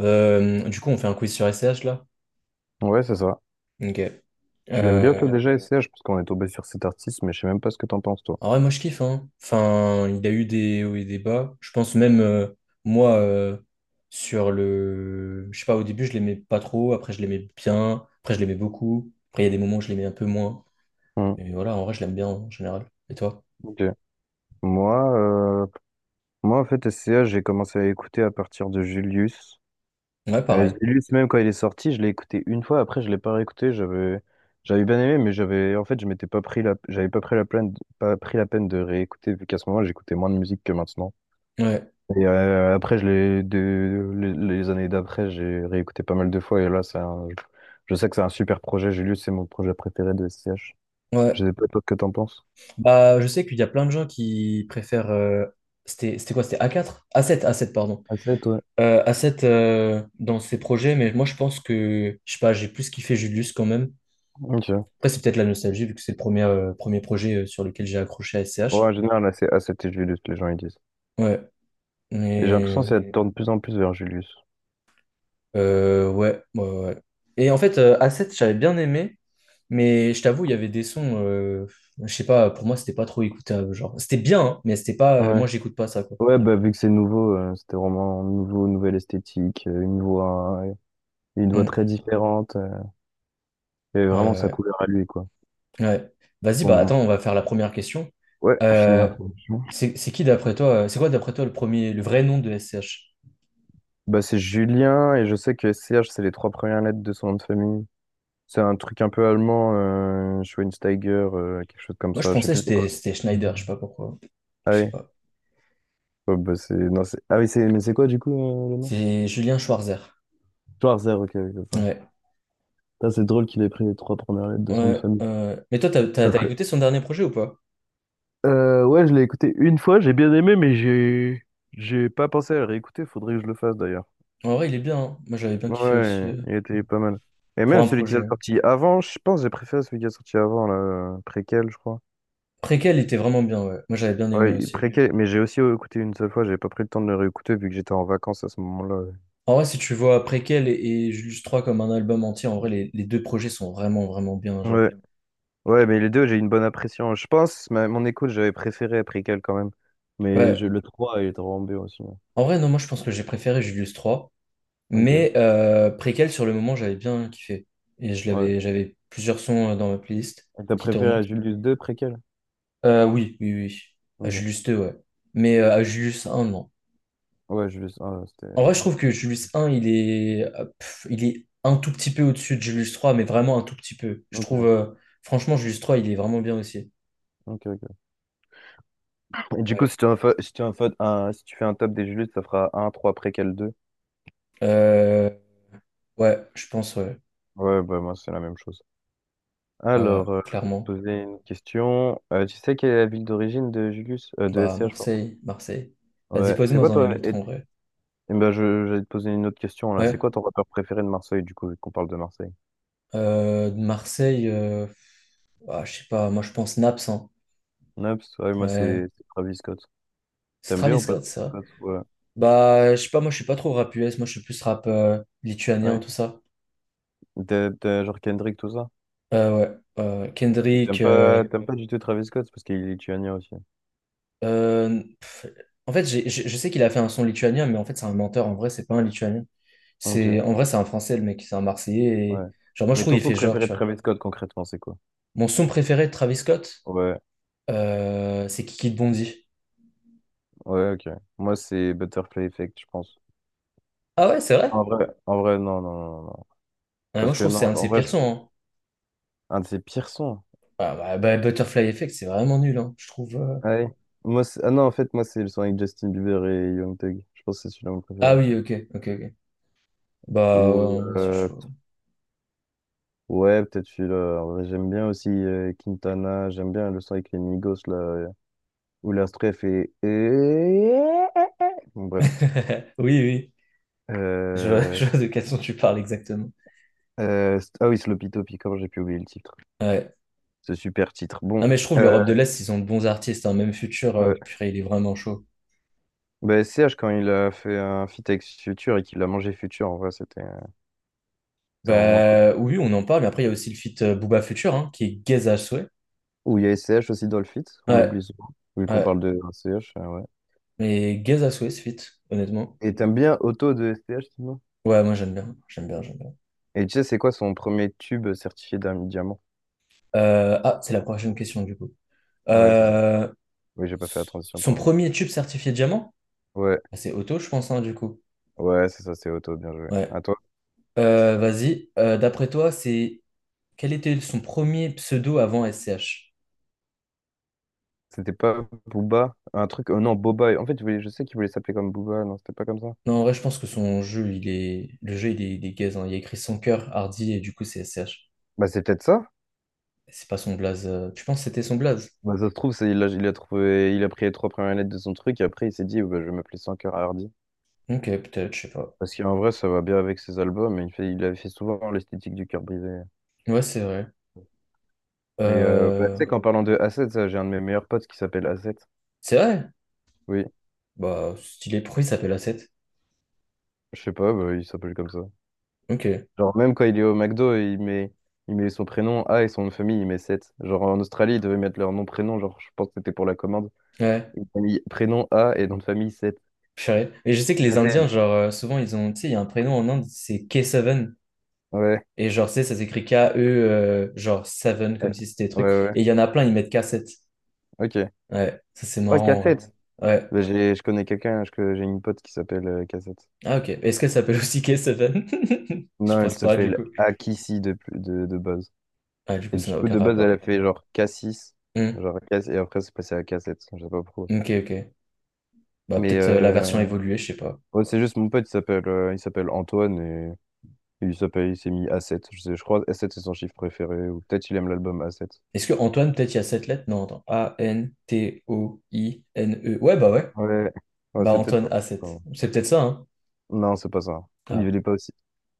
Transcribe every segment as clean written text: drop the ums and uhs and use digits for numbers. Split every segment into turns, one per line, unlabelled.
Du coup, on fait un quiz sur S C H là?
Ouais, c'est ça.
Ok.
Tu l'aimes bien, toi, voilà,
Euh,
déjà, S C H parce qu'on est tombé sur cet artiste, mais je sais même pas ce que t'en penses, toi.
En vrai, moi je kiffe, hein. Enfin, il y a eu des hauts et des bas. Je pense même, moi, sur le. Je sais pas, au début je l'aimais pas trop, après je l'aimais bien, après je l'aimais beaucoup. Après, il y a des moments où je l'aimais un peu moins.
Hmm,
Mais voilà, en vrai, je l'aime bien en général. Et toi?
ok. Moi, moi, en fait, S C H j'ai commencé à écouter à partir de Julius.
Ouais, pareil.
Julius, même quand il est sorti, je l'ai écouté une fois, après, je l'ai pas réécouté, j'avais bien aimé, mais en fait, je m'étais pas pris la, j'avais pas pris la peine, de réécouter, vu qu'à ce moment, j'écoutais moins de musique que maintenant.
Ouais.
Et après, les années d'après, j'ai réécouté pas mal de fois. Et là, je sais que c'est un super projet. Julius, c'est mon projet préféré de SCH.
Ouais.
Je sais pas toi que t'en penses.
Bah, je sais qu'il y a plein de gens qui préfèrent. C'était c'était quoi? C'était A4, A7, A7 pardon.
A7, ouais.
À cette, dans ces projets, mais moi je pense que, je sais pas, j'ai plus kiffé Julius quand même.
Ok. Ouais,
Après, c'est peut-être la nostalgie, vu que c'est le premier projet sur lequel j'ai accroché à SCH.
en général, c'est A7 et Julius, les gens ils disent.
Ouais,
Et j'ai l'impression que
mais
ça tourne de plus en plus vers Julius.
ouais, ouais, ouais. Ouais. Et en fait, A7, j'avais bien aimé, mais je t'avoue, il y avait des sons, je sais pas, pour moi, c'était pas trop écoutable. Genre, c'était bien, hein, mais c'était pas,
Ouais.
moi, j'écoute pas ça, quoi.
Ouais, bah vu que c'est nouveau, c'était vraiment nouveau, nouvelle esthétique, une voix très
Mm.
différente. Et
Ouais,
vraiment
ouais.
sa
Ouais.
couleur à lui, quoi.
Ouais. Vas-y, bah
Bon, bon.
attends, on va faire la première question.
Ouais, fini
Euh,
l'introduction.
c'est qui d'après toi, c'est quoi d'après toi le premier, le vrai nom de SCH?
Bah, c'est Julien et je sais que C H c'est les trois premières lettres de son nom de famille. C'est un truc un peu allemand, Schweinsteiger, quelque chose comme
Moi, je
ça, je sais
pensais que
plus c'est quoi.
c'était Schneider, je sais pas pourquoi.
Ah
Je sais
oui,
pas.
oh, bah, c'est... Non, c'est... Ah oui, c'est... Mais c'est quoi du coup, le nom?
C'est Julien Schwarzer.
Schwarzer, ok, ok, c'est ça.
Ouais.
Ça, c'est drôle qu'il ait pris les trois premières lettres de son nom de
Ouais.
famille.
Mais toi, t'as écouté
Après-
son dernier projet ou pas?
Ouais, je l'ai écouté une fois, j'ai bien aimé, mais j'ai pas pensé à le réécouter, faudrait que je le fasse d'ailleurs.
En vrai, il est bien, hein. Moi, j'avais bien kiffé aussi,
Ouais, il était pas mal. Et
pour
même
un
celui qui a
projet.
sorti avant, je pense que j'ai préféré celui qui a sorti avant, là, préquel, je crois.
Préquel était vraiment bien, ouais. Moi, j'avais bien aimé
Ouais, il est
aussi.
préquel, mais j'ai aussi écouté une seule fois, j'ai pas pris le temps de le réécouter vu que j'étais en vacances à ce moment-là.
En vrai, si tu vois Préquel et Julius 3 comme un album entier, en vrai, les deux projets sont vraiment, vraiment bien, genre.
Ouais, ouais, mais les deux, j'ai une bonne impression. Je pense, mon écoute, j'avais préféré à préquel quand même.
Ouais.
Le 3 il est vraiment bien aussi, hein.
En vrai, non, moi, je pense que j'ai préféré Julius 3.
Ok,
Mais Préquel, sur le moment, j'avais bien kiffé. Et
ouais.
j'avais plusieurs sons, dans ma playlist
Et t'as
qui
préféré
tournaient.
à Julius 2 préquel?
Oui, oui, oui. À
Ok.
Julius 2, ouais. Mais à Julius 1, non.
Ouais, Julius 1, c'était...
En vrai, je trouve que Julius 1, il est un tout petit peu au-dessus de Julius 3, mais vraiment un tout petit peu. Je
Ok,
trouve, franchement, Julius 3, il est vraiment bien aussi.
ok, ok. Et du coup,
Ouais,
si tu, en fa- si tu, en fa- un- si tu fais un top des Julius, ça fera un 3 préquel 2.
Euh, ouais, je pense, ouais.
Ouais, bah moi, c'est la même chose.
Ouais, ouais,
Alors, je vais te
clairement.
poser une question. Tu sais quelle est la ville d'origine de Julius? De
Bah,
SCH, pardon.
Marseille, Marseille. Vas-y,
Ouais, c'est
pose-moi
quoi
en une
toi? Et,
autre,
et
en vrai.
ben je j'allais te poser une autre question là. C'est
Ouais.
quoi ton rappeur préféré de Marseille du coup, vu qu'on parle de Marseille?
De Marseille, ah, je sais pas, moi je pense Naps, hein.
Naps, ouais, moi
Ouais.
c'est Travis Scott.
C'est
T'aimes bien
Travis
ou pas
Scott, ça.
Travis Scott? Ouais.
Bah, je sais pas, moi je suis pas trop rap US, moi je suis plus rap, lituanien, tout
Ouais.
ça.
T'as genre Kendrick, tout ça?
Ouais,
Et
Kendrick.
T'aimes pas, t'aimes pas du tout Travis Scott parce qu'il est lituanien aussi.
Euh, pff, En fait, je sais qu'il a fait un son lituanien, mais en fait, c'est un menteur. En vrai, c'est pas un lituanien.
Ok,
C'est, en vrai, c'est un français, le mec, c'est un Marseillais. Et.
ouais.
Genre, moi je
Mais
trouve
ton
il
son
fait genre,
préféré de
tu vois.
Travis Scott concrètement, c'est quoi?
Mon son préféré de Travis Scott,
Ouais,
c'est Kiki de Bondy.
ouais, ok. Moi c'est Butterfly Effect, je pense.
Ah ouais, c'est vrai?
En vrai, non, non, non, non.
Ouais, moi
Parce
je
que
trouve que
non,
c'est un de
en
ses
vrai,
pires sons, hein.
un de ses pires sons.
Ah, Butterfly Effect, c'est vraiment nul, hein, je trouve.
Ah oui. Ah non, en fait, moi, c'est le son avec Justin Bieber et Young Thug. Je pense que c'est celui-là mon
Ah
préféré.
oui, ok, ok, ok. Bah,
Ou,
ouais, c'est chaud.
ouais, peut-être celui-là. En vrai, j'aime bien aussi Quintana. J'aime bien le son avec les Migos, là. Où la stref est... Bon, bref.
Oui, oui. Je vois,
Euh,
je vois de quelle son tu parles exactement.
ah oui, Sloppy Toppy, comment j'ai pu oublier le titre.
Ouais.
Ce super titre.
Non,
Bon.
mais je trouve
Euh,
l'Europe de l'Est, ils ont de bons artistes. Hein. Même Future,
ouais.
purée, il est vraiment chaud.
Bah, CH, quand il a fait un feat avec Future et qu'il a mangé Future, en vrai, c'était vraiment cool.
Bah, oui, on en parle. Mais après, il y a aussi le feat, Booba Future, hein, qui est gaze à souhait.
Ou il y a SCH aussi dans le feat, on
Ouais,
l'oublie souvent, vu qu'on
ouais.
parle de SCH.
Mais gaze à souhait, ce feat, honnêtement.
Et t'aimes bien Auto de STH, sinon?
Ouais, moi, j'aime bien. J'aime bien, j'aime bien.
Et tu sais, c'est quoi son premier tube certifié d'un diamant?
Ah, c'est la prochaine question, du coup.
Ouais, c'est ça.
Euh,
Oui, j'ai pas fait la transition,
Son
pardon.
premier tube certifié diamant?
Ouais,
Ah, c'est auto, je pense, hein, du coup.
ouais, c'est ça, c'est Auto, bien joué.
Ouais.
À toi.
Vas-y. D'après toi, c'est quel était son premier pseudo avant SCH?
C'était pas Booba? Un truc. Oh non, Boba. En fait, je sais qu'il voulait s'appeler comme Booba. Non, c'était pas comme ça.
Non, en vrai, je pense que son jeu, il est. Le jeu, il est gaze, hein. Il a écrit son cœur, Hardy, et du coup, c'est SCH.
Bah, c'est peut-être ça.
C'est pas son blaze. Tu penses que c'était son blaze?
Bah, ça se trouve, il a trouvé, il a pris les trois premières lettres de son truc et après, il s'est dit, bah, je vais m'appeler Sans cœur à.
Ok, peut-être, je sais pas.
Parce qu'en vrai, ça va bien avec ses albums. Et il avait fait souvent l'esthétique du cœur brisé.
Ouais, c'est vrai.
Mais bah, tu
Euh,
sais qu'en parlant de Asset, ça, j'ai un de mes meilleurs potes qui s'appelle Asset.
C'est vrai?
Oui.
Bah, stylé. Pourquoi il s'appelle A7?
Je sais pas, bah, il s'appelle comme ça.
Ok.
Genre, même quand il est au McDo, il met son prénom A et son nom de famille, il met 7. Genre, en Australie, ils devaient mettre leur nom, prénom. Genre, je pense que c'était pour la commande.
Ouais,
Ils ont mis prénom A et nom de famille 7.
je savais. Et je sais que les
Mais
Indiens,
c'est-
genre, souvent, ils ont. Tu sais, il y a un prénom en Inde, c'est K7.
Ouais.
Et genre, tu sais, ça s'écrit K-E, genre 7, comme
euh,
si c'était
Ouais,
truc.
ouais.
Et il y en a plein, ils mettent K7.
Ok.
Ouais, ça c'est
Oh,
marrant en vrai.
Cassette.
Ouais.
Bah, je connais quelqu'un, j'ai une pote qui s'appelle Cassette.
Ah, ok. Est-ce qu'elle s'appelle aussi K7? Je
Non,
pense
elle
pas, du
s'appelle
coup.
Akissi de base.
Ah, du
Et
coup, ça
du
n'a
coup,
aucun
de base, elle a
rapport.
fait genre Cassis.
Hmm.
Genre, Cass, et après, c'est passé à Cassette. Je sais pas pourquoi.
Ok, ok. Bah,
Mais,
peut-être, la version
euh,
évoluée, je sais pas.
Ouais, c'est juste mon pote, il s'appelle Antoine et il s'est mis A7. Je crois A7 c'est son chiffre préféré ou peut-être il aime l'album A7.
Est-ce que Antoine, peut-être il y a sept lettres? Non, attends. A-N-T-O-I-N-E. Ouais.
Ouais. Ouais,
Bah,
c'est peut-être
Antoine
pas.
a sept,
Non,
c'est peut-être ça, hein?
non, c'est pas ça. Il
Ah.
il est pas aussi.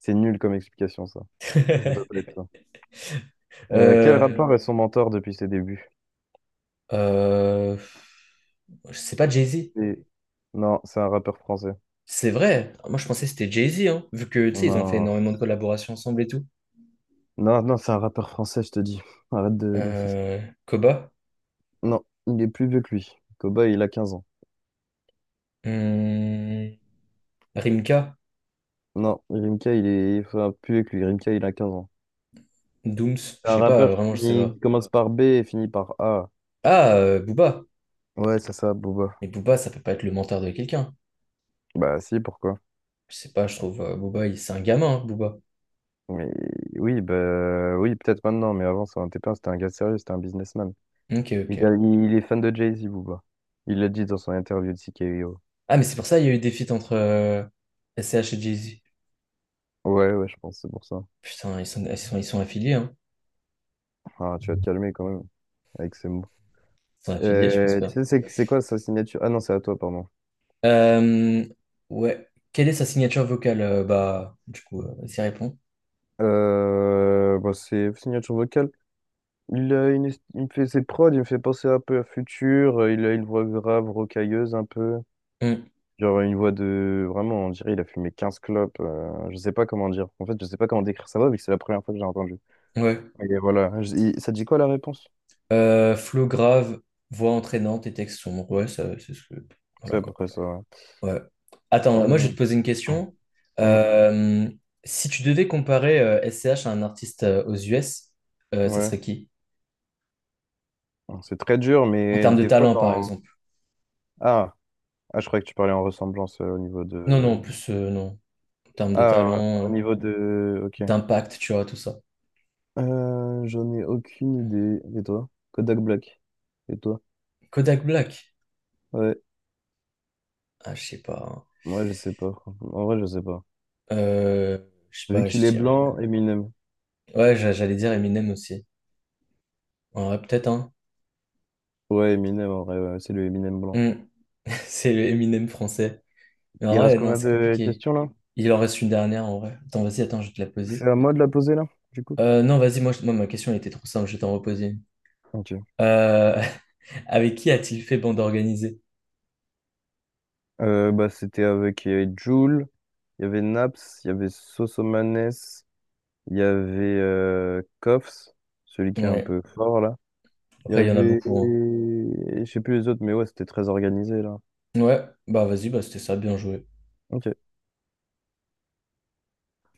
C'est nul comme explication ça. Ça peut pas être ça. Quel
Euh,
rappeur est son mentor depuis ses débuts?
euh, je sais pas, Jay-Z.
C'est- Non, c'est un rappeur français.
C'est vrai. Moi, je pensais que c'était Jay-Z, hein, vu que, tu sais, ils ont fait
Non,
énormément de collaborations ensemble et tout.
non, non, c'est un rappeur français, je te dis. Arrête d'insister.
Euh, Koba,
Non, il est plus vieux que lui. Koba, il a 15 ans.
hum, Rimka,
Non, Rimka, il est enfin, plus vieux que lui. Rimka, il a 15 ans.
Dooms, je
C'est un
sais pas,
rappeur
vraiment, je sais pas.
qui commence par B et finit par A.
Ah, Booba.
Ouais, c'est ça, Booba.
Mais Booba, ça peut pas être le menteur de quelqu'un.
Bah si, pourquoi?
Je sais pas, je trouve, Booba, c'est un gamin, hein, Booba.
Mais oui, bah oui, peut-être maintenant, mais avant, ça n'en était pas. C'était un gars sérieux, c'était un businessman.
Ok, ok.
Il est fan de Jay-Z, Booba. Il l'a dit dans son interview de C K O.
Ah, mais c'est pour ça qu'il y a eu des feats entre, S C H et Jay-Z.
Ouais, ouais, je pense, c'est pour ça.
Putain, ils sont affiliés, hein.
Ah, tu vas te calmer quand même, avec ces mots.
Ils sont affiliés, je pense
Tu
bien.
sais, c'est quoi sa signature? Ah non, c'est à toi, pardon.
Euh, ouais. Quelle est sa signature vocale? Bah, du coup, s'y répond.
Bah, c'est signature vocale. Il, a une, est- Il me fait ses prods, il me fait penser un peu à Future, il a une voix grave, rocailleuse un peu.
Hum,
Genre une voix de... Vraiment, on dirait il a fumé 15 clopes. Je sais pas comment dire. En fait, je sais pas comment décrire sa voix, vu que c'est la première fois que j'ai entendu.
ouais.
Et voilà. Ça dit quoi la réponse?
Flow grave, voix entraînante et texte sombre. Ouais, ça, c'est ce que.
C'est
Voilà
à peu
quoi.
près ça. Ouais.
Ouais. Attends, moi je
Euh,
vais te poser une question.
euh,
Euh, Si tu devais comparer, S C H à un artiste, aux US, ça
ouais.
serait qui?
C'est très dur,
En
mais
termes de
des fois
talent, par
dans...
exemple.
Ah, ah, je croyais que tu parlais en ressemblance au niveau
Non, non, en
de...
plus, non. En termes de
Ah, au
talent,
niveau de... Ok.
d'impact, tu vois, tout ça.
J'en ai aucune idée. Et toi? Kodak Black. Et toi?
Kodak Black?
Ouais.
Ah, je sais pas,
Moi, je sais pas. En vrai, je sais pas.
hein. Je sais
Vu
pas, je
qu'il est
dirais.
blanc, Eminem.
Ouais, j'allais dire Eminem aussi. Ouais, peut-être, hein.
Ouais, Eminem, en vrai, ouais, c'est le Eminem blanc.
Hmm. C'est le Eminem français. Mais en
Il reste
vrai, non,
combien
c'est
de
compliqué.
questions là?
Il en reste une dernière en vrai. Attends, vas-y, attends, je vais te la poser.
C'est à moi de la poser là, du coup?
Non, vas-y, moi, moi, ma question elle était trop simple, je vais t'en reposer une.
Ok.
Euh, Avec qui a-t-il fait bande organisée?
Bah, c'était avec Jul, il y avait Naps, il y avait Sosomanes, il y avait Koffs, celui qui est un
Ouais,
peu fort là. Il y
après, il y en a
avait.
beaucoup, hein.
Je sais plus les autres, mais ouais, c'était très organisé là.
Ouais, bah vas-y, bah c'était ça, bien joué.
Ok.